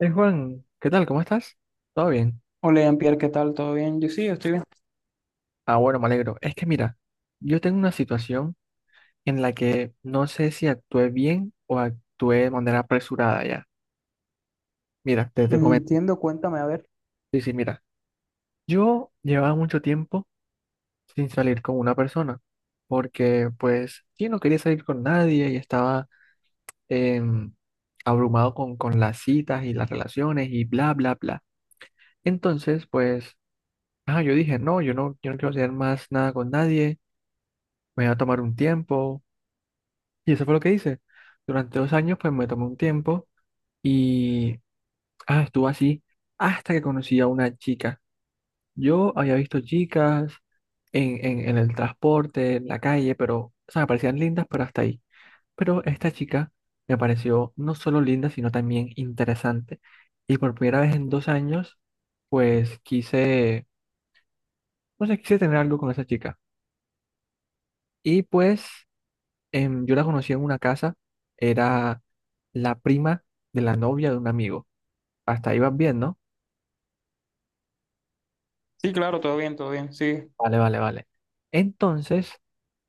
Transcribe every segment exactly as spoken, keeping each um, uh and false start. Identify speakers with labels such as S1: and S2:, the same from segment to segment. S1: Eh, Juan, ¿qué tal? ¿Cómo estás? ¿Todo bien?
S2: Hola, Jean-Pierre, ¿qué tal? ¿Todo bien? Yo sí, estoy bien.
S1: Ah, bueno, me alegro. Es que mira, yo tengo una situación en la que no sé si actué bien o actué de manera apresurada ya. Mira, te, te
S2: Mm,
S1: comento.
S2: Entiendo, cuéntame, a ver.
S1: Sí, sí, mira. Yo llevaba mucho tiempo sin salir con una persona porque pues sí, no quería salir con nadie y estaba em, abrumado con, con las citas y las relaciones y bla, bla, bla. Entonces, pues, ah, yo dije, no, yo no, yo no quiero hacer más nada con nadie me iba a tomar un tiempo. Y eso fue lo que hice. Durante dos años, pues me tomé un tiempo y ah, estuvo así hasta que conocí a una chica. Yo había visto chicas en, en, en el transporte, en la calle, pero, o sea, me parecían lindas, pero hasta ahí. Pero esta chica me pareció no solo linda, sino también interesante. Y por primera vez en dos años, pues quise, no sé, quise tener algo con esa chica. Y pues em, yo la conocí en una casa, era la prima de la novia de un amigo. Hasta ahí vas bien, ¿no?
S2: Sí, claro, todo bien, todo bien, sí.
S1: Vale, vale, vale. Entonces,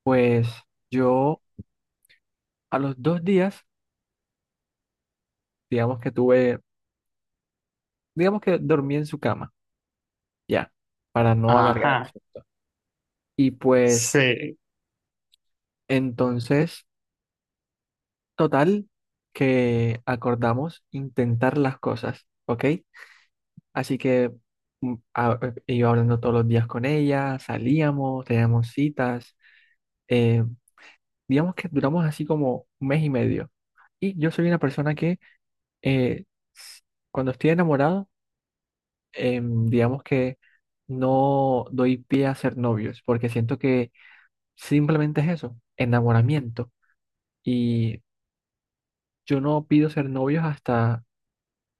S1: pues yo a los dos días, digamos que tuve, digamos que dormí en su cama, ya, para no alargar el
S2: Ajá,
S1: asunto. Y pues
S2: sí.
S1: entonces, total, que acordamos intentar las cosas, ¿ok? Así que mm, a- eh, iba hablando todos los días con ella, salíamos, teníamos citas eh, digamos que duramos así como un mes y medio. Y yo soy una persona que eh, s- cuando estoy enamorado, em, digamos que no doy pie a ser novios, porque siento que simplemente es eso, enamoramiento. Y yo no pido ser novios hasta,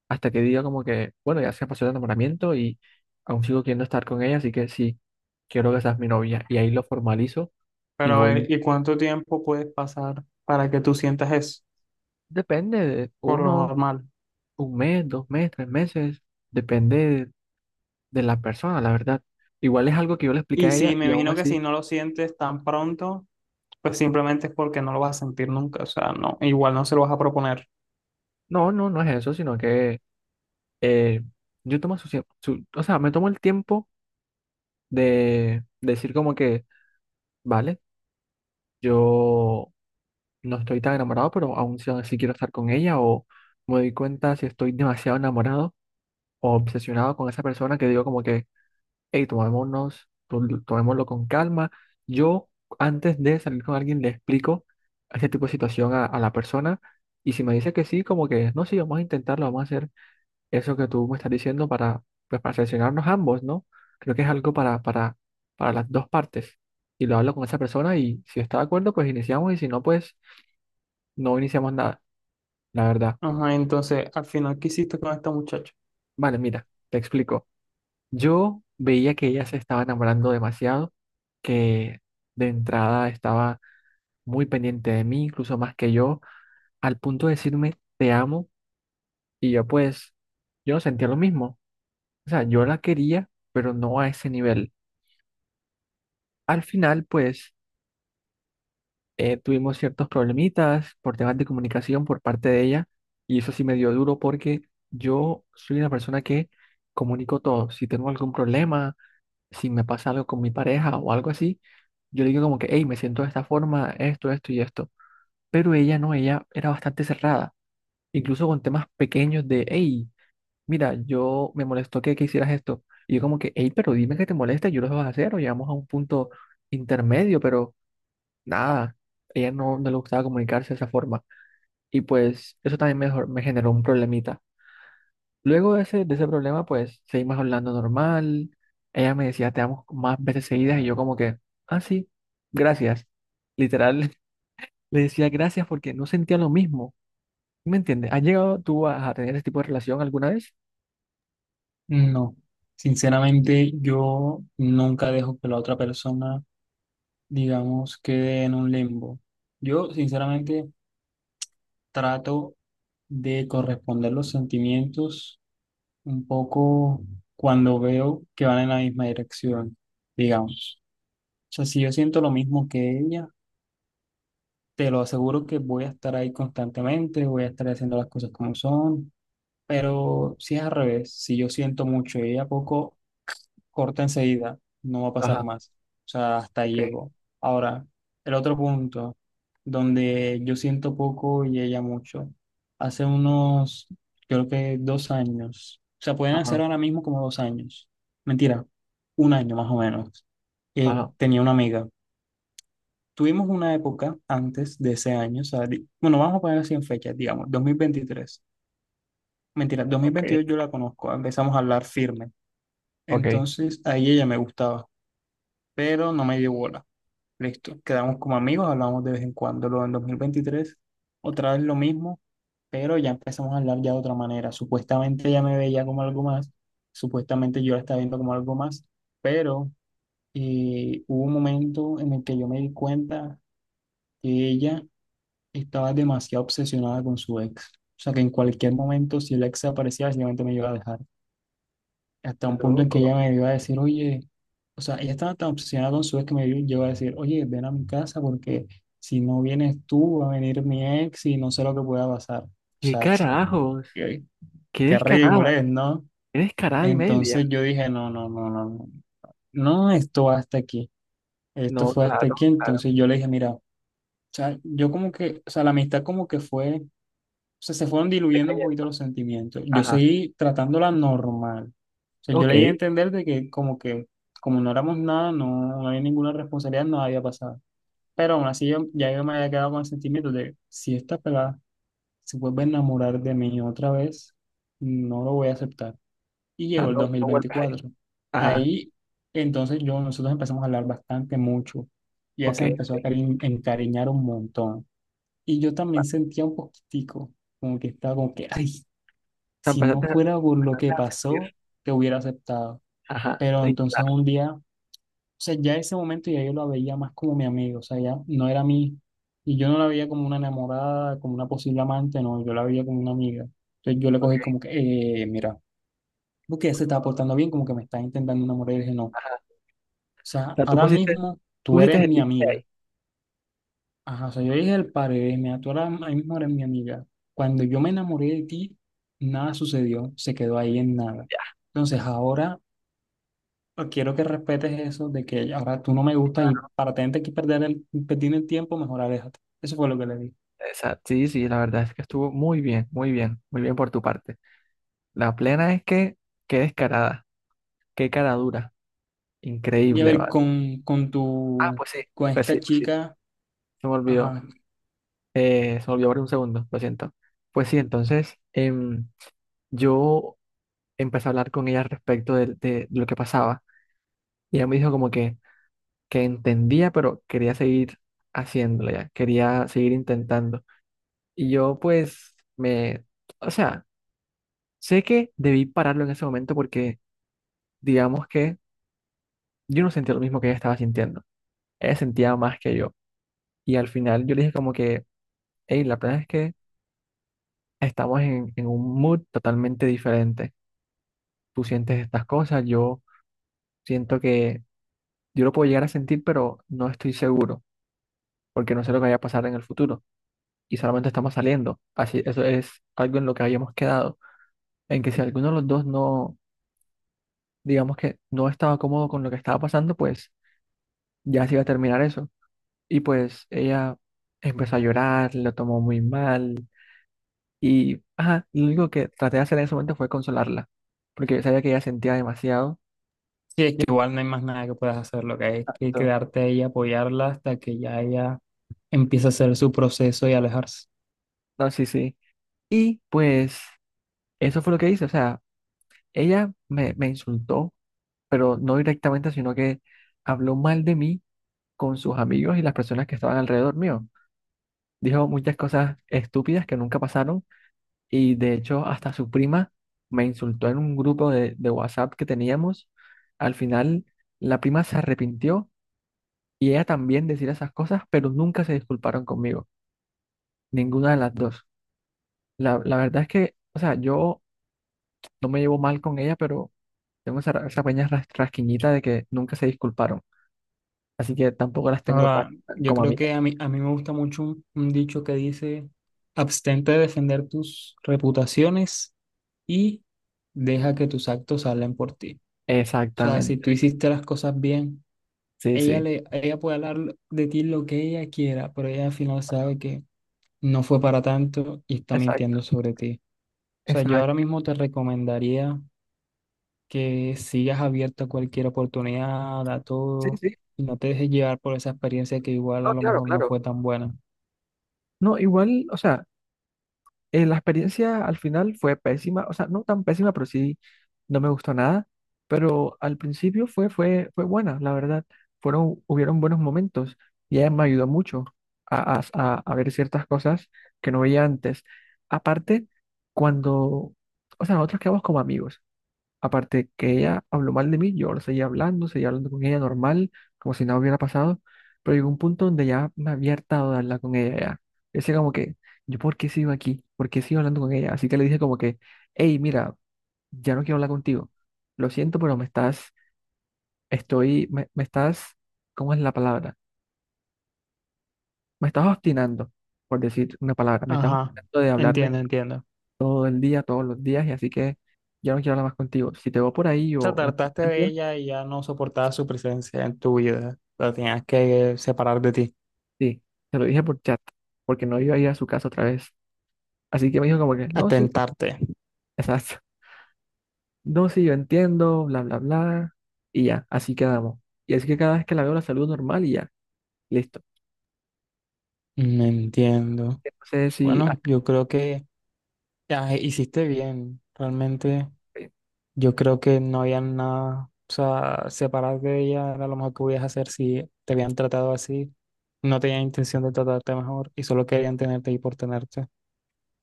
S1: hasta que diga como que, bueno, ya se pasó el enamoramiento y aún sigo queriendo estar con ella, así que sí, quiero que seas mi novia. Y ahí lo formalizo y
S2: Pero a
S1: voy.
S2: ver, ¿y cuánto tiempo puedes pasar para que tú sientas eso?
S1: Depende de
S2: Por lo
S1: uno.
S2: normal.
S1: Un mes, dos meses, tres meses, depende de, de la persona, la verdad. Igual es algo que yo le expliqué
S2: Y
S1: a ella
S2: sí, me
S1: y aún
S2: imagino que si
S1: así,
S2: no lo sientes tan pronto, pues simplemente es porque no lo vas a sentir nunca. O sea, no, igual no se lo vas a proponer.
S1: no, no, no es eso, sino que eh, yo tomo su, tiemp- su- o sea, me tomo el tiempo de decir como que, vale, yo no estoy tan enamorado, pero aún si así quiero estar con ella o me doy cuenta si estoy demasiado enamorado o obsesionado con esa persona que digo como que hey, tomémonos, to- tomémoslo con calma. Yo, antes de salir con alguien, le explico ese tipo de situación a, a la persona. Y si me dice que sí, como que, no, sí, vamos a intentarlo, vamos a hacer eso que tú me estás diciendo para, pues, para seleccionarnos ambos, ¿no? Creo que es algo para, para, para las dos partes. Y lo hablo con esa persona y si está de acuerdo, pues iniciamos y si no, pues no iniciamos nada, la verdad.
S2: Ajá, entonces, al final, ¿qué hiciste con esta muchacha?
S1: Vale, mira, te explico. Yo veía que ella se estaba enamorando demasiado, que de entrada estaba muy pendiente de mí, incluso más que yo, al punto de decirme te amo y yo pues, yo no sentía lo mismo. O sea, yo la quería, pero no a ese nivel. Al final pues eh, tuvimos ciertos problemitas por temas de comunicación por parte de ella y eso sí me dio duro porque yo soy una persona que comunico todo. Si tengo algún problema, si me pasa algo con mi pareja o algo así, yo le digo como que, hey, me siento de esta forma, esto, esto y esto. Pero ella no, ella era bastante cerrada. Incluso con temas pequeños de, hey, mira, yo me molestó que, que hicieras esto. Y yo como que, hey, pero dime que te molesta, yo lo vas a hacer, o llegamos a un punto intermedio, pero nada, ella no, no le gustaba comunicarse de esa forma. Y pues eso también me, jor- me generó un problemita. Luego de ese, de ese problema, pues seguimos hablando normal. Ella me decía, te amo más veces seguidas, y yo como que, ah, sí, gracias. Literal, le decía gracias porque no sentía lo mismo. ¿Sí? ¿Me entiendes? ¿Has llegado tú a a tener ese tipo de relación alguna vez?
S2: No, sinceramente yo nunca dejo que la otra persona digamos, quede en un limbo. Yo, sinceramente, trato de corresponder los sentimientos un poco cuando veo que van en la misma dirección, digamos. O sea, si yo siento lo mismo que ella, te lo aseguro que voy a estar ahí constantemente, voy a estar haciendo las cosas como son, pero si es al revés, si yo siento mucho y ella poco corta enseguida, no va a pasar
S1: Ajá,
S2: más. O sea, hasta ahí
S1: ok,
S2: llegó. Ahora, el otro punto, donde yo siento poco y ella mucho, hace unos, creo que dos años, o sea, pueden hacer
S1: ajá,
S2: ahora mismo como dos años, mentira, un año más o menos, eh,
S1: ajá,
S2: tenía una amiga. Tuvimos una época antes de ese año, o sea, di- bueno, vamos a poner así en fechas, digamos, dos mil veintitrés. Mentira, dos mil
S1: ok,
S2: veintidós yo la conozco, empezamos a hablar firme.
S1: ok.
S2: Entonces, ahí ella me gustaba, pero no me dio bola. Listo, quedamos como amigos, hablamos de vez en cuando. Luego en dos mil veintitrés otra vez lo mismo, pero ya empezamos a hablar ya de otra manera. Supuestamente ella me veía como algo más, supuestamente yo la estaba viendo como algo más, pero eh, hubo un momento en el que yo me di cuenta que ella estaba demasiado obsesionada con su ex. O sea, que en cualquier momento, si el ex aparecía, simplemente me iba a dejar hasta un punto en que
S1: Loco.
S2: ella me iba a decir, oye, o sea, ella estaba tan obsesionada con su ex que me llegó a decir, oye, ven a mi casa porque si no vienes tú, va a venir mi ex y no sé lo que pueda pasar. O
S1: ¿Qué
S2: sea,
S1: carajos?
S2: qué,
S1: ¿Qué
S2: qué ridículo
S1: descarada?
S2: es, ¿no?
S1: ¿Qué descarada y media?
S2: Entonces yo dije, no, no, no, no, no, no, esto va hasta aquí, esto
S1: No,
S2: fue hasta
S1: claro,
S2: aquí.
S1: claro,
S2: Entonces yo le dije, mira, o sea, yo como que, o sea, la amistad como que fue o sea, se fueron
S1: te
S2: diluyendo un poquito
S1: cayendo.
S2: los sentimientos. Yo
S1: Ajá,
S2: seguí tratándola normal. O sea, yo
S1: ok.
S2: le di a
S1: O
S2: entender de que como que como no éramos nada, no, no había ninguna responsabilidad, nada había pasado. Pero aún así yo, ya yo me había quedado con el sentimiento de si esta pelada se vuelve a enamorar de mí otra vez, no lo voy a aceptar. Y
S1: sea,
S2: llegó el
S1: no, no vuelves ahí.
S2: dos mil veinticuatro.
S1: Ajá,
S2: Ahí entonces yo, nosotros empezamos a hablar bastante mucho. Ya
S1: ok,
S2: se
S1: ok.
S2: empezó a cari- encariñar un montón. Y yo también
S1: Vale.
S2: sentía un poquitico como que estaba como que, ay,
S1: O sea,
S2: si no
S1: empezaste, a
S2: fuera por lo que
S1: empezaste a sentir.
S2: pasó, te hubiera aceptado.
S1: Ajá,
S2: Pero
S1: y
S2: entonces
S1: claro,
S2: un día, o sea, ya ese momento ya yo la veía más como mi amigo, o sea, ya no era mi, y yo no la veía como una enamorada, como una posible amante, no, yo la veía como una amiga. Entonces yo le
S1: ok,
S2: cogí como que, eh, mira, porque ella se está portando bien, como que me está intentando enamorar, y dije, no, o
S1: ajá. O
S2: sea,
S1: sea, tú
S2: ahora
S1: pusiste,
S2: mismo
S1: tú
S2: tú
S1: pusiste
S2: eres
S1: el
S2: mi
S1: límite
S2: amiga.
S1: ahí.
S2: Ajá, o sea, yo dije el padre, mira, tú ahora ahora mismo eres mi amiga. Cuando yo me enamoré de ti, nada sucedió, se quedó ahí en nada.
S1: Ya.
S2: Entonces, ahora, pero quiero que respetes eso de que ahora tú no me gustas y para tener que perder el, perder el tiempo, mejor aléjate. Eso fue lo que le di.
S1: Exacto. Sí, sí, la verdad es que estuvo muy bien, muy bien, muy bien por tu parte. La plena es que, qué descarada, qué cara dura,
S2: Y a
S1: increíble,
S2: ver,
S1: ¿vale?
S2: con, con
S1: Ah,
S2: tu,
S1: pues sí,
S2: con
S1: pues
S2: esta
S1: sí, pues sí.
S2: chica,
S1: Se me olvidó.
S2: ajá,
S1: Eh, se me olvidó por un segundo, lo siento. Pues sí, entonces em, yo empecé a hablar con ella al respecto de, de lo que pasaba. Y ella me dijo como que, que entendía, pero quería seguir haciéndolo ya, quería seguir intentando. Y yo pues me, o sea, sé que debí pararlo en ese momento porque digamos que yo no sentía lo mismo que ella estaba sintiendo. Ella sentía más que yo. Y al final yo le dije como que, hey, la verdad es que estamos en, en un mood totalmente diferente. Tú sientes estas cosas, yo siento que yo lo puedo llegar a sentir, pero no estoy seguro, porque no sé lo que vaya a pasar en el futuro y solamente estamos saliendo. Así, eso es algo en lo que habíamos quedado, en que si alguno de los dos no, digamos que no estaba cómodo con lo que estaba pasando, pues ya se iba a terminar eso. Y pues ella empezó a llorar, lo tomó muy mal y ajá, lo único que traté de hacer en ese momento fue consolarla, porque yo sabía que ella sentía demasiado.
S2: sí, es que igual no hay más nada que puedas hacer, lo que hay es que
S1: Exacto.
S2: quedarte ahí, y apoyarla hasta que ya ella empiece a hacer su proceso y alejarse.
S1: No, sí, sí. Y pues eso fue lo que hice. O sea, ella me, me insultó, pero no directamente, sino que habló mal de mí con sus amigos y las personas que estaban alrededor mío. Dijo muchas cosas estúpidas que nunca pasaron y de hecho hasta su prima me insultó en un grupo de, de WhatsApp que teníamos. Al final la prima se arrepintió y ella también decía esas cosas, pero nunca se disculparon conmigo, ninguna de las dos. La, la verdad es que, o sea, yo no me llevo mal con ella, pero tengo esa, ra- esa pequeña ras- rasquiñita de que nunca se disculparon. Así que tampoco las tengo tan,
S2: Ahora,
S1: tan
S2: yo
S1: como
S2: creo
S1: amigas.
S2: que a mí, a mí me gusta mucho un, un dicho que dice, abstente de defender tus reputaciones y deja que tus actos hablen por ti. O sea, si tú
S1: Exactamente.
S2: hiciste las cosas bien,
S1: Sí,
S2: ella,
S1: sí.
S2: le, ella puede hablar de ti lo que ella quiera, pero ella al final sabe que no fue para tanto y está
S1: Exacto,
S2: mintiendo sobre ti. O sea, yo ahora
S1: exacto.
S2: mismo te recomendaría que sigas abierta a cualquier oportunidad, a
S1: Sí,
S2: todo,
S1: sí.
S2: y no te dejes llevar por esa experiencia que igual a
S1: No,
S2: lo
S1: claro,
S2: mejor no
S1: claro.
S2: fue tan buena.
S1: No, igual, o sea. Eh, la experiencia al final fue pésima, o sea, no tan pésima, pero sí no me gustó nada, pero al principio fue, fue, fue buena, la verdad. Fueron, hubieron buenos momentos y ella me ayudó mucho a, a- a- a ver ciertas cosas que no veía antes. Aparte, cuando, o sea, nosotros quedamos como amigos. Aparte que ella habló mal de mí, yo lo seguía hablando, seguía hablando con ella normal, como si nada hubiera pasado, pero llegó un punto donde ya me había hartado de hablar con ella ya. Yo decía como que, ¿yo por qué sigo aquí? ¿Por qué sigo hablando con ella? Así que le dije como que, hey, mira, ya no quiero hablar contigo. Lo siento, pero me estás, estoy, me, me estás, ¿cómo es la palabra? Me estás obstinando, por decir una palabra, me estás
S2: Ajá,
S1: obstinando de hablarme
S2: entiendo, entiendo. O
S1: todo el día, todos los días, y así que ya no quiero hablar más contigo. Si te veo por ahí
S2: sea,
S1: o.
S2: trataste de ella y ya no soportabas su presencia en tu vida. La tenías que separar de ti,
S1: Sí, se lo dije por chat, porque no iba a ir a su casa otra vez. Así que me dijo como que, no, sí,
S2: atentarte.
S1: exacto. No, sí, yo entiendo, bla, bla, bla. Y ya, así quedamos. Y así que cada vez que la veo la saludo normal y ya, listo.
S2: No entiendo.
S1: No sé si, ah,
S2: Bueno, yo creo que ah, hiciste bien. Realmente,
S1: sí,
S2: yo creo que no había nada. O sea, separarte de ella era lo mejor que podías hacer si te habían tratado así. No tenían intención de tratarte mejor y solo querían tenerte y por tenerte.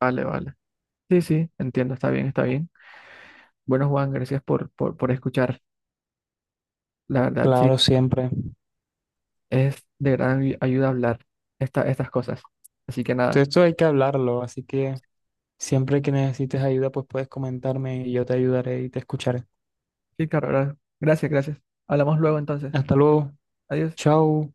S1: vale, vale. Sí, sí, entiendo, está bien, está bien. Bueno, Juan, gracias por, por, por escuchar. La verdad, sí,
S2: Claro, siempre.
S1: es de gran ayu- ayuda hablar esta, estas cosas. Así que
S2: Todo
S1: nada,
S2: esto hay que hablarlo, así que siempre que necesites ayuda, pues puedes comentarme y yo te ayudaré y te escucharé.
S1: sí, claro, gra- gracias, gracias. Hablamos luego entonces.
S2: Hasta luego.
S1: Adiós.
S2: Chao.